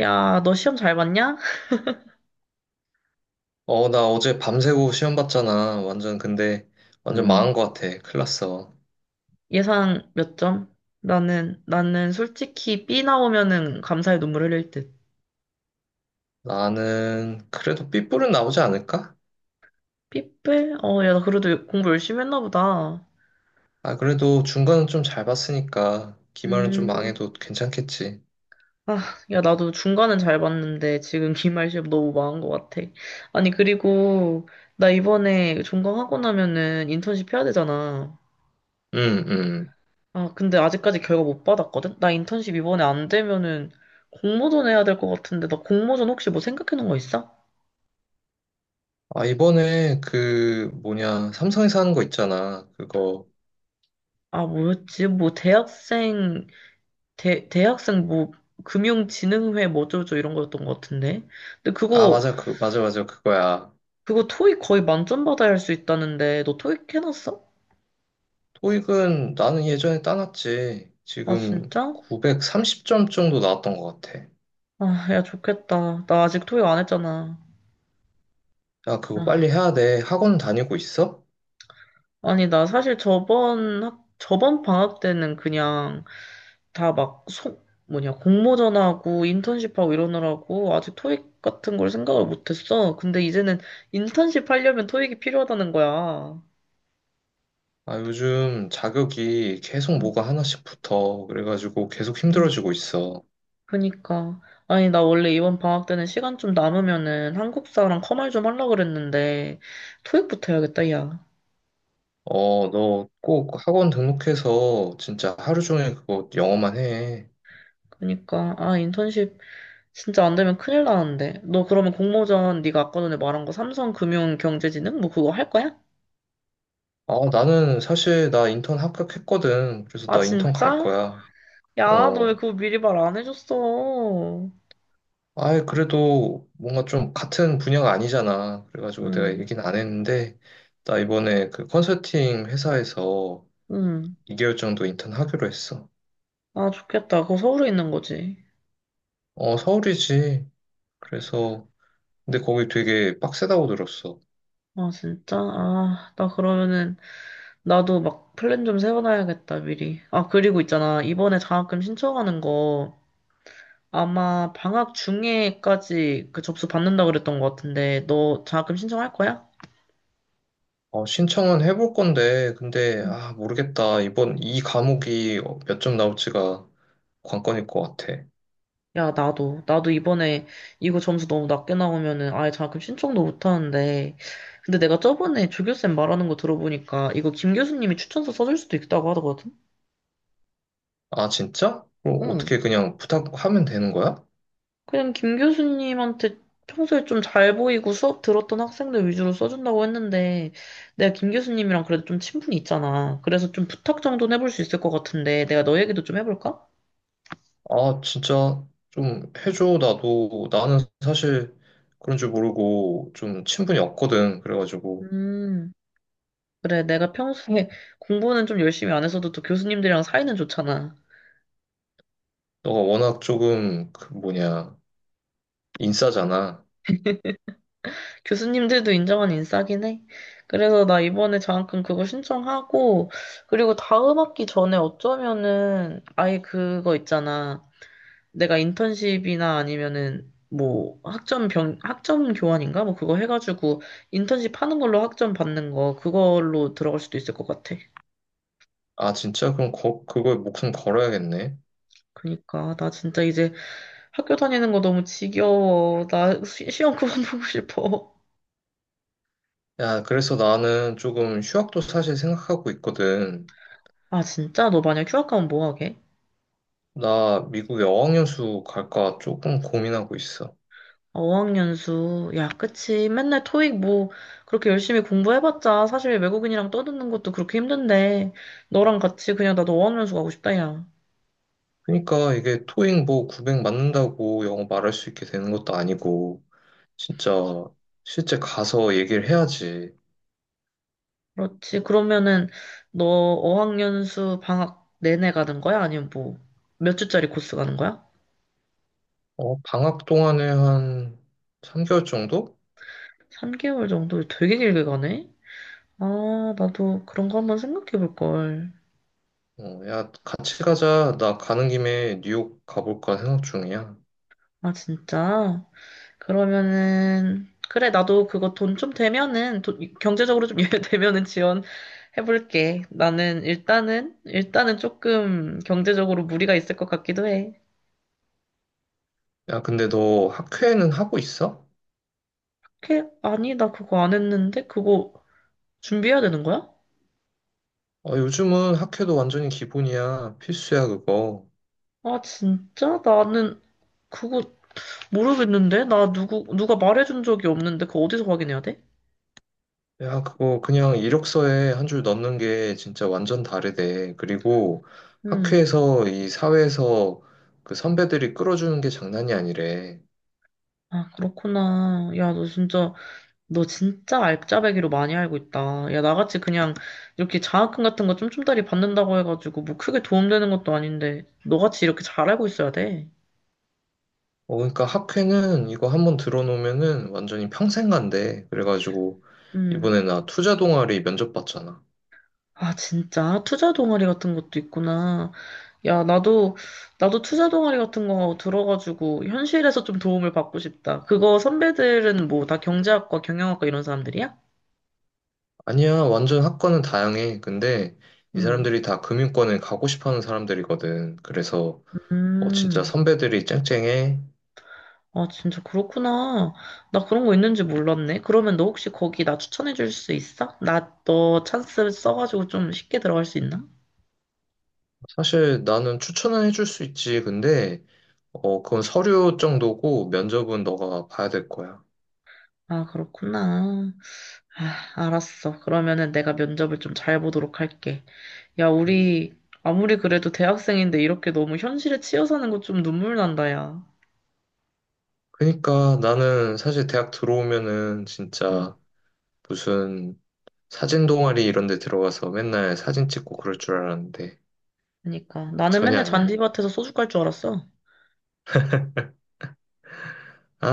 야, 너 시험 잘 봤냐? 어, 나 어제 밤새고 시험 봤잖아. 완전, 근데, 완전 음, 망한 것 같아. 큰일 났어. 예상 몇 점? 나는 솔직히 B 나오면은 감사의 눈물 흘릴 듯. 나는, 그래도 삐뿔은 나오지 않을까? 삐뿔? 야, 나 그래도 공부 열심히 했나 보다. 아, 그래도 중간은 좀 잘 봤으니까, 기말은 좀 음, 망해도 괜찮겠지. 아, 야, 나도 중간은 잘 봤는데 지금 기말 시험 너무 망한 것 같아. 아니, 그리고 나 이번에 종강하고 나면은 인턴십 해야 되잖아. 응, 응. 아, 근데 아직까지 결과 못 받았거든? 나 인턴십 이번에 안 되면은 공모전 해야 될 것 같은데 나 공모전 혹시 뭐 생각해 놓은 거 있어? 아, 이번에, 그, 뭐냐, 삼성에서 하는 거 있잖아. 그거. 아, 뭐였지? 뭐, 대학생, 대학생 뭐, 금융진흥회 뭐 어쩌고저쩌고 이런 거였던 것 같은데. 근데 아, 그거, 맞아, 그, 맞아, 맞아, 그거야. 그거 토익 거의 만점 받아야 할 수 있다는데, 너 토익 해놨어? 토익은 나는 예전에 따놨지. 아, 지금 진짜? 930점 정도 나왔던 것 같아. 아, 야, 좋겠다. 나 아직 토익 안 했잖아. 야, 그거 아, 빨리 해야 돼. 학원 다니고 있어? 아니, 나 사실 저번, 저번 방학 때는 그냥 다 막, 소, 뭐냐, 공모전하고 인턴십하고 이러느라고 아직 토익 같은 걸 생각을 못했어. 근데 이제는 인턴십 하려면 토익이 필요하다는 거야. 아, 요즘 자격이 계속 음. 뭐가 하나씩 붙어. 그래가지고 계속 음, 힘들어지고 있어. 그니까. 아니, 나 원래 이번 방학 때는 시간 좀 남으면은 한국사랑 커말 좀 하려고 그랬는데, 토익부터 해야겠다, 야. 어, 너 꼭 학원 등록해서 진짜 하루 종일 그거 영어만 해. 그니까. 아, 인턴십 진짜 안 되면 큰일 나는데. 너 그러면 공모전 네가 아까 전에 말한 거 삼성금융경제지능? 뭐 그거 할 거야? 아, 나는 사실 나 인턴 합격했거든. 그래서 아, 나 인턴 갈 진짜? 거야. 야, 너 왜 어, 그거 미리 말 안 해줬어? 아이, 그래도 뭔가 좀 같은 분야가 아니잖아. 그래가지고 내가 응, 얘기는 안 했는데, 나 이번에 그 컨설팅 회사에서 응. 2개월 정도 인턴 하기로 했어. 아, 좋겠다. 그거 서울에 있는 거지. 어, 서울이지. 그래서 근데 거기 되게 빡세다고 들었어. 아, 진짜? 아, 나 그러면은 나도 막 플랜 좀 세워놔야겠다, 미리. 아, 그리고 있잖아. 이번에 장학금 신청하는 거 아마 방학 중에까지 그 접수 받는다 그랬던 것 같은데, 너 장학금 신청할 거야? 어, 신청은 해볼 건데, 근데, 응. 아, 모르겠다. 이번 이 과목이 몇 점 나올지가 관건일 것 같아. 야, 나도. 나도 이번에 이거 점수 너무 낮게 나오면은 아예 장학금 신청도 못 하는데. 근데 내가 저번에 조교쌤 말하는 거 들어보니까 이거 김 교수님이 추천서 써줄 수도 있다고 하더거든? 아, 진짜? 그럼 응. 어떻게 그냥 부탁하면 되는 거야? 그냥 김 교수님한테 평소에 좀 잘 보이고 수업 들었던 학생들 위주로 써준다고 했는데, 내가 김 교수님이랑 그래도 좀 친분이 있잖아. 그래서 좀 부탁 정도는 해볼 수 있을 것 같은데, 내가 너 얘기도 좀 해볼까? 아, 진짜 좀 해줘. 나도, 나는 사실 그런 줄 모르고 좀 친분이 없거든. 그래가지고, 음, 그래. 내가 평소에 공부는 좀 열심히 안 했어도 또 교수님들이랑 사이는 좋잖아. 너가 워낙 조금, 그 뭐냐, 인싸잖아. 교수님들도 인정한 인싸긴 해. 그래서 나 이번에 장학금 그거 신청하고, 그리고 다음 학기 전에 어쩌면은 아예 그거 있잖아. 내가 인턴십이나 아니면은 뭐 학점 병 학점 교환인가 뭐 그거 해가지고 인턴십 하는 걸로 학점 받는 거 그걸로 들어갈 수도 있을 것 같아. 아, 진짜? 그럼 그거에 목숨 걸어야겠네. 그니까 나 진짜 이제 학교 다니는 거 너무 지겨워. 나 시험 그만 보고 싶어. 야, 그래서 나는 조금 휴학도 사실 생각하고 있거든. 아 진짜 너 만약 휴학 가면 뭐 하게? 나 미국에 어학연수 갈까 조금 고민하고 있어. 아, 어학연수 야 그치 맨날 토익 뭐 그렇게 열심히 공부해봤자 사실 외국인이랑 떠드는 것도 그렇게 힘든데 너랑 같이 그냥 나도 어학연수 가고 싶다 야. 그러니까 이게 토익 뭐 900 맞는다고 영어 말할 수 있게 되는 것도 아니고, 진짜 실제 가서 얘기를 해야지. 그렇지. 그러면은 너 어학연수 방학 내내 가는 거야? 아니면 뭐 몇 주짜리 코스 가는 거야? 어, 방학 동안에 한 3개월 정도? 3개월 정도 되게 길게 가네? 아, 나도 그런 거 한번 생각해 볼 걸. 어, 야, 같이 가자. 나 가는 김에 뉴욕 가볼까 생각 중이야. 아, 진짜? 그러면은 그래, 나도 그거 돈 좀 되면은 경제적으로 좀 여유되면은 지원해 볼게. 나는 일단은 조금 경제적으로 무리가 있을 것 같기도 해. 야, 근데 너 학회는 하고 있어? 오 아니, 나 그거 안 했는데 그거 준비해야 되는 거야? 어, 요즘은 학회도 완전히 기본이야. 필수야, 그거. 아, 진짜? 나는 그거 모르겠는데? 나 누가 말해준 적이 없는데 그거 어디서 확인해야 돼? 야, 그거 그냥 이력서에 한 줄 넣는 게 진짜 완전 다르대. 그리고 음. 학회에서 이 사회에서 그 선배들이 끌어주는 게 장난이 아니래. 아, 그렇구나. 너 진짜 알짜배기로 많이 알고 있다. 야, 나같이 그냥 이렇게 장학금 같은 거 쫌쫌다리 받는다고 해가지고 뭐 크게 도움되는 것도 아닌데 너같이 이렇게 잘 알고 있어야 돼. 어, 그러니까 학회는 이거 한번 들어놓으면은 완전히 평생 간대. 그래가지고 음. 이번에 나 투자 동아리 면접 봤잖아. 아, 진짜? 투자 동아리 같은 것도 있구나. 야, 나도, 나도 투자 동아리 같은 거 들어가지고 현실에서 좀 도움을 받고 싶다. 그거 선배들은 뭐 다 경제학과, 경영학과 이런 사람들이야? 아니야, 완전 학과는 다양해. 근데 이 음. 사람들이 다 금융권에 가고 싶어 하는 사람들이거든. 그래서 어, 진짜 음. 선배들이 짱짱해. 아, 진짜 그렇구나. 나 그런 거 있는지 몰랐네. 그러면 너 혹시 거기 나 추천해 줄 수 있어? 나 너 찬스 써가지고 좀 쉽게 들어갈 수 있나? 사실 나는 추천은 해줄 수 있지. 근데, 어, 그건 서류 정도고 면접은 너가 봐야 될 거야. 아, 그렇구나. 아, 알았어. 그러면은 내가 면접을 좀 잘 보도록 할게. 야, 음. 우리 아무리 그래도 대학생인데 이렇게 너무 현실에 치여 사는 거 좀 눈물 난다, 야. 그러니까 나는 사실 대학 들어오면은 응, 진짜 무슨 사진 동아리 이런 데 들어가서 맨날 사진 찍고 그럴 줄 알았는데 그니까. 나는 전혀 맨날 아니네. 잔디밭에서 소주 깔 줄 알았어.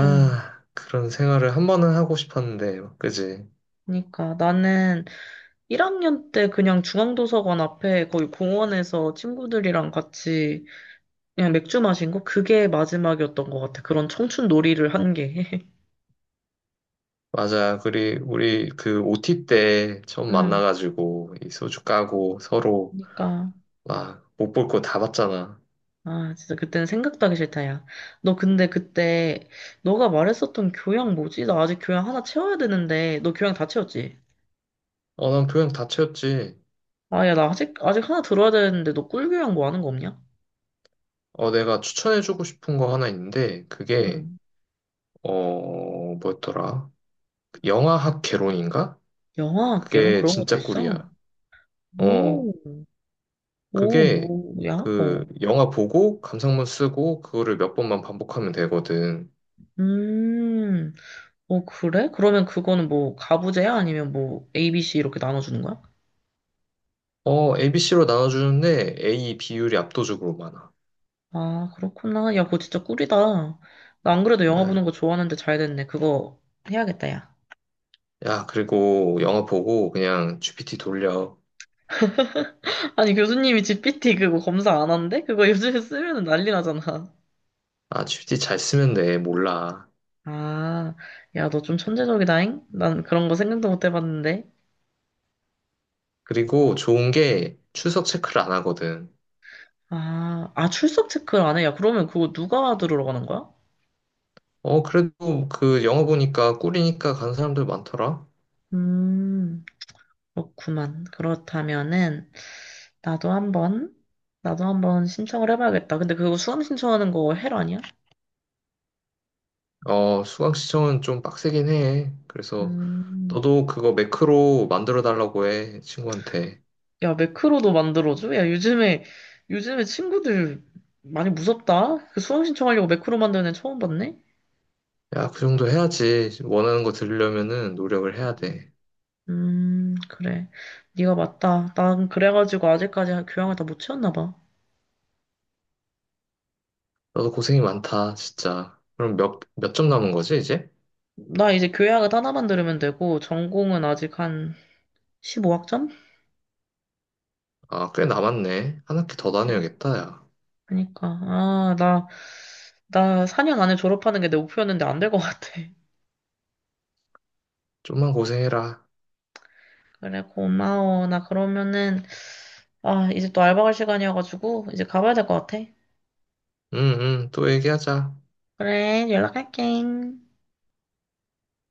어, 그런 생활을 한 번은 하고 싶었는데, 그지? 그니까. 나는 1학년 때 그냥 중앙도서관 앞에 거의 공원에서 친구들이랑 같이 그냥 맥주 마신 거? 그게 마지막이었던 것 같아. 그런 청춘 놀이를 한 게. 맞아. 우리 그 OT 때 처음 응, 만나가지고 이 소주 까고 서로 그니까. 막 못 볼 거 다 봤잖아. 아, 진짜 그때는 생각도 하기 싫다, 야. 너 근데 그때, 너가 말했었던 교양 뭐지? 나 아직 교양 하나 채워야 되는데, 너 교양 다 채웠지? 어, 난 교양 다 채웠지. 야, 나 아직 하나 들어야 되는데, 너 꿀교양 뭐 하는 거 없냐? 어, 내가 추천해주고 싶은 거 하나 있는데, 그게, 응. 어, 뭐였더라? 영화학 개론인가? 영화학, 이런 그게 그런 것도 진짜 있어? 꿀이야. 어, 오, 오, 그게, 뭐야? 그, 어. 영화 보고, 감상문 쓰고, 그거를 몇 번만 반복하면 되거든. 음, 어, 그래? 그러면 그거는 뭐, 가부제야? 아니면 뭐, ABC 이렇게 나눠주는 거야? 어, ABC로 나눠주는데, A 비율이 압도적으로 많아. 아, 그렇구나. 야, 그거 진짜 꿀이다. 나 안 그래도 영화 보는 야, 거 좋아하는데 잘 됐네. 그거 해야겠다, 야. 야, 그리고 영화 보고, 그냥 GPT 돌려. 아니, 교수님이 GPT 그거 검사 안 한대? 그거 요즘에 쓰면은 난리 나잖아. 아, GPT 잘 쓰면 돼. 몰라. 아, 야, 너 좀 천재적이다잉? 난 그런 거 생각도 못 해봤는데. 그리고 좋은 게, 출석 체크를 안 하거든. 아, 출석 체크를 안 해? 야, 그러면 그거 누가 들으러 가는 거야? 어, 그래도 그 영어 보니까 꿀이니까 간 사람들 많더라. 음, 그렇구만. 그렇다면은, 나도 한번, 나도 한번 신청을 해봐야겠다. 근데 그거 수강 신청하는 거 헬 아니야? 어, 수강 시청은 좀 빡세긴 해. 그래서 음, 너도 그거 매크로 만들어 달라고 해, 친구한테. 야, 매크로도 만들어줘? 요즘에 친구들 많이 무섭다? 그 수강 신청하려고 매크로 만드는 애 처음 봤네? 야, 그 정도 해야지. 원하는 거 들으려면은 노력을 해야 돼. 그래. 네가 맞다. 난 그래가지고 아직까지 교양을 다 못 채웠나 봐. 너도 고생이 많다, 진짜. 그럼 몇 점 남은 거지, 이제? 나 이제 교양을 하나만 들으면 되고, 전공은 아직 한 15학점? 아, 꽤 남았네. 한 학기 더 그치? 다녀야겠다, 야. 그니까. 나 4년 안에 졸업하는 게 내 목표였는데 안 될 것 같아. 좀만 고생해라. 그래, 고마워. 나 그러면은, 아, 이제 또 알바 갈 시간이어가지고, 이제 가봐야 될 것 같아. 응, 응, 또 얘기하자. 그래, 연락할게.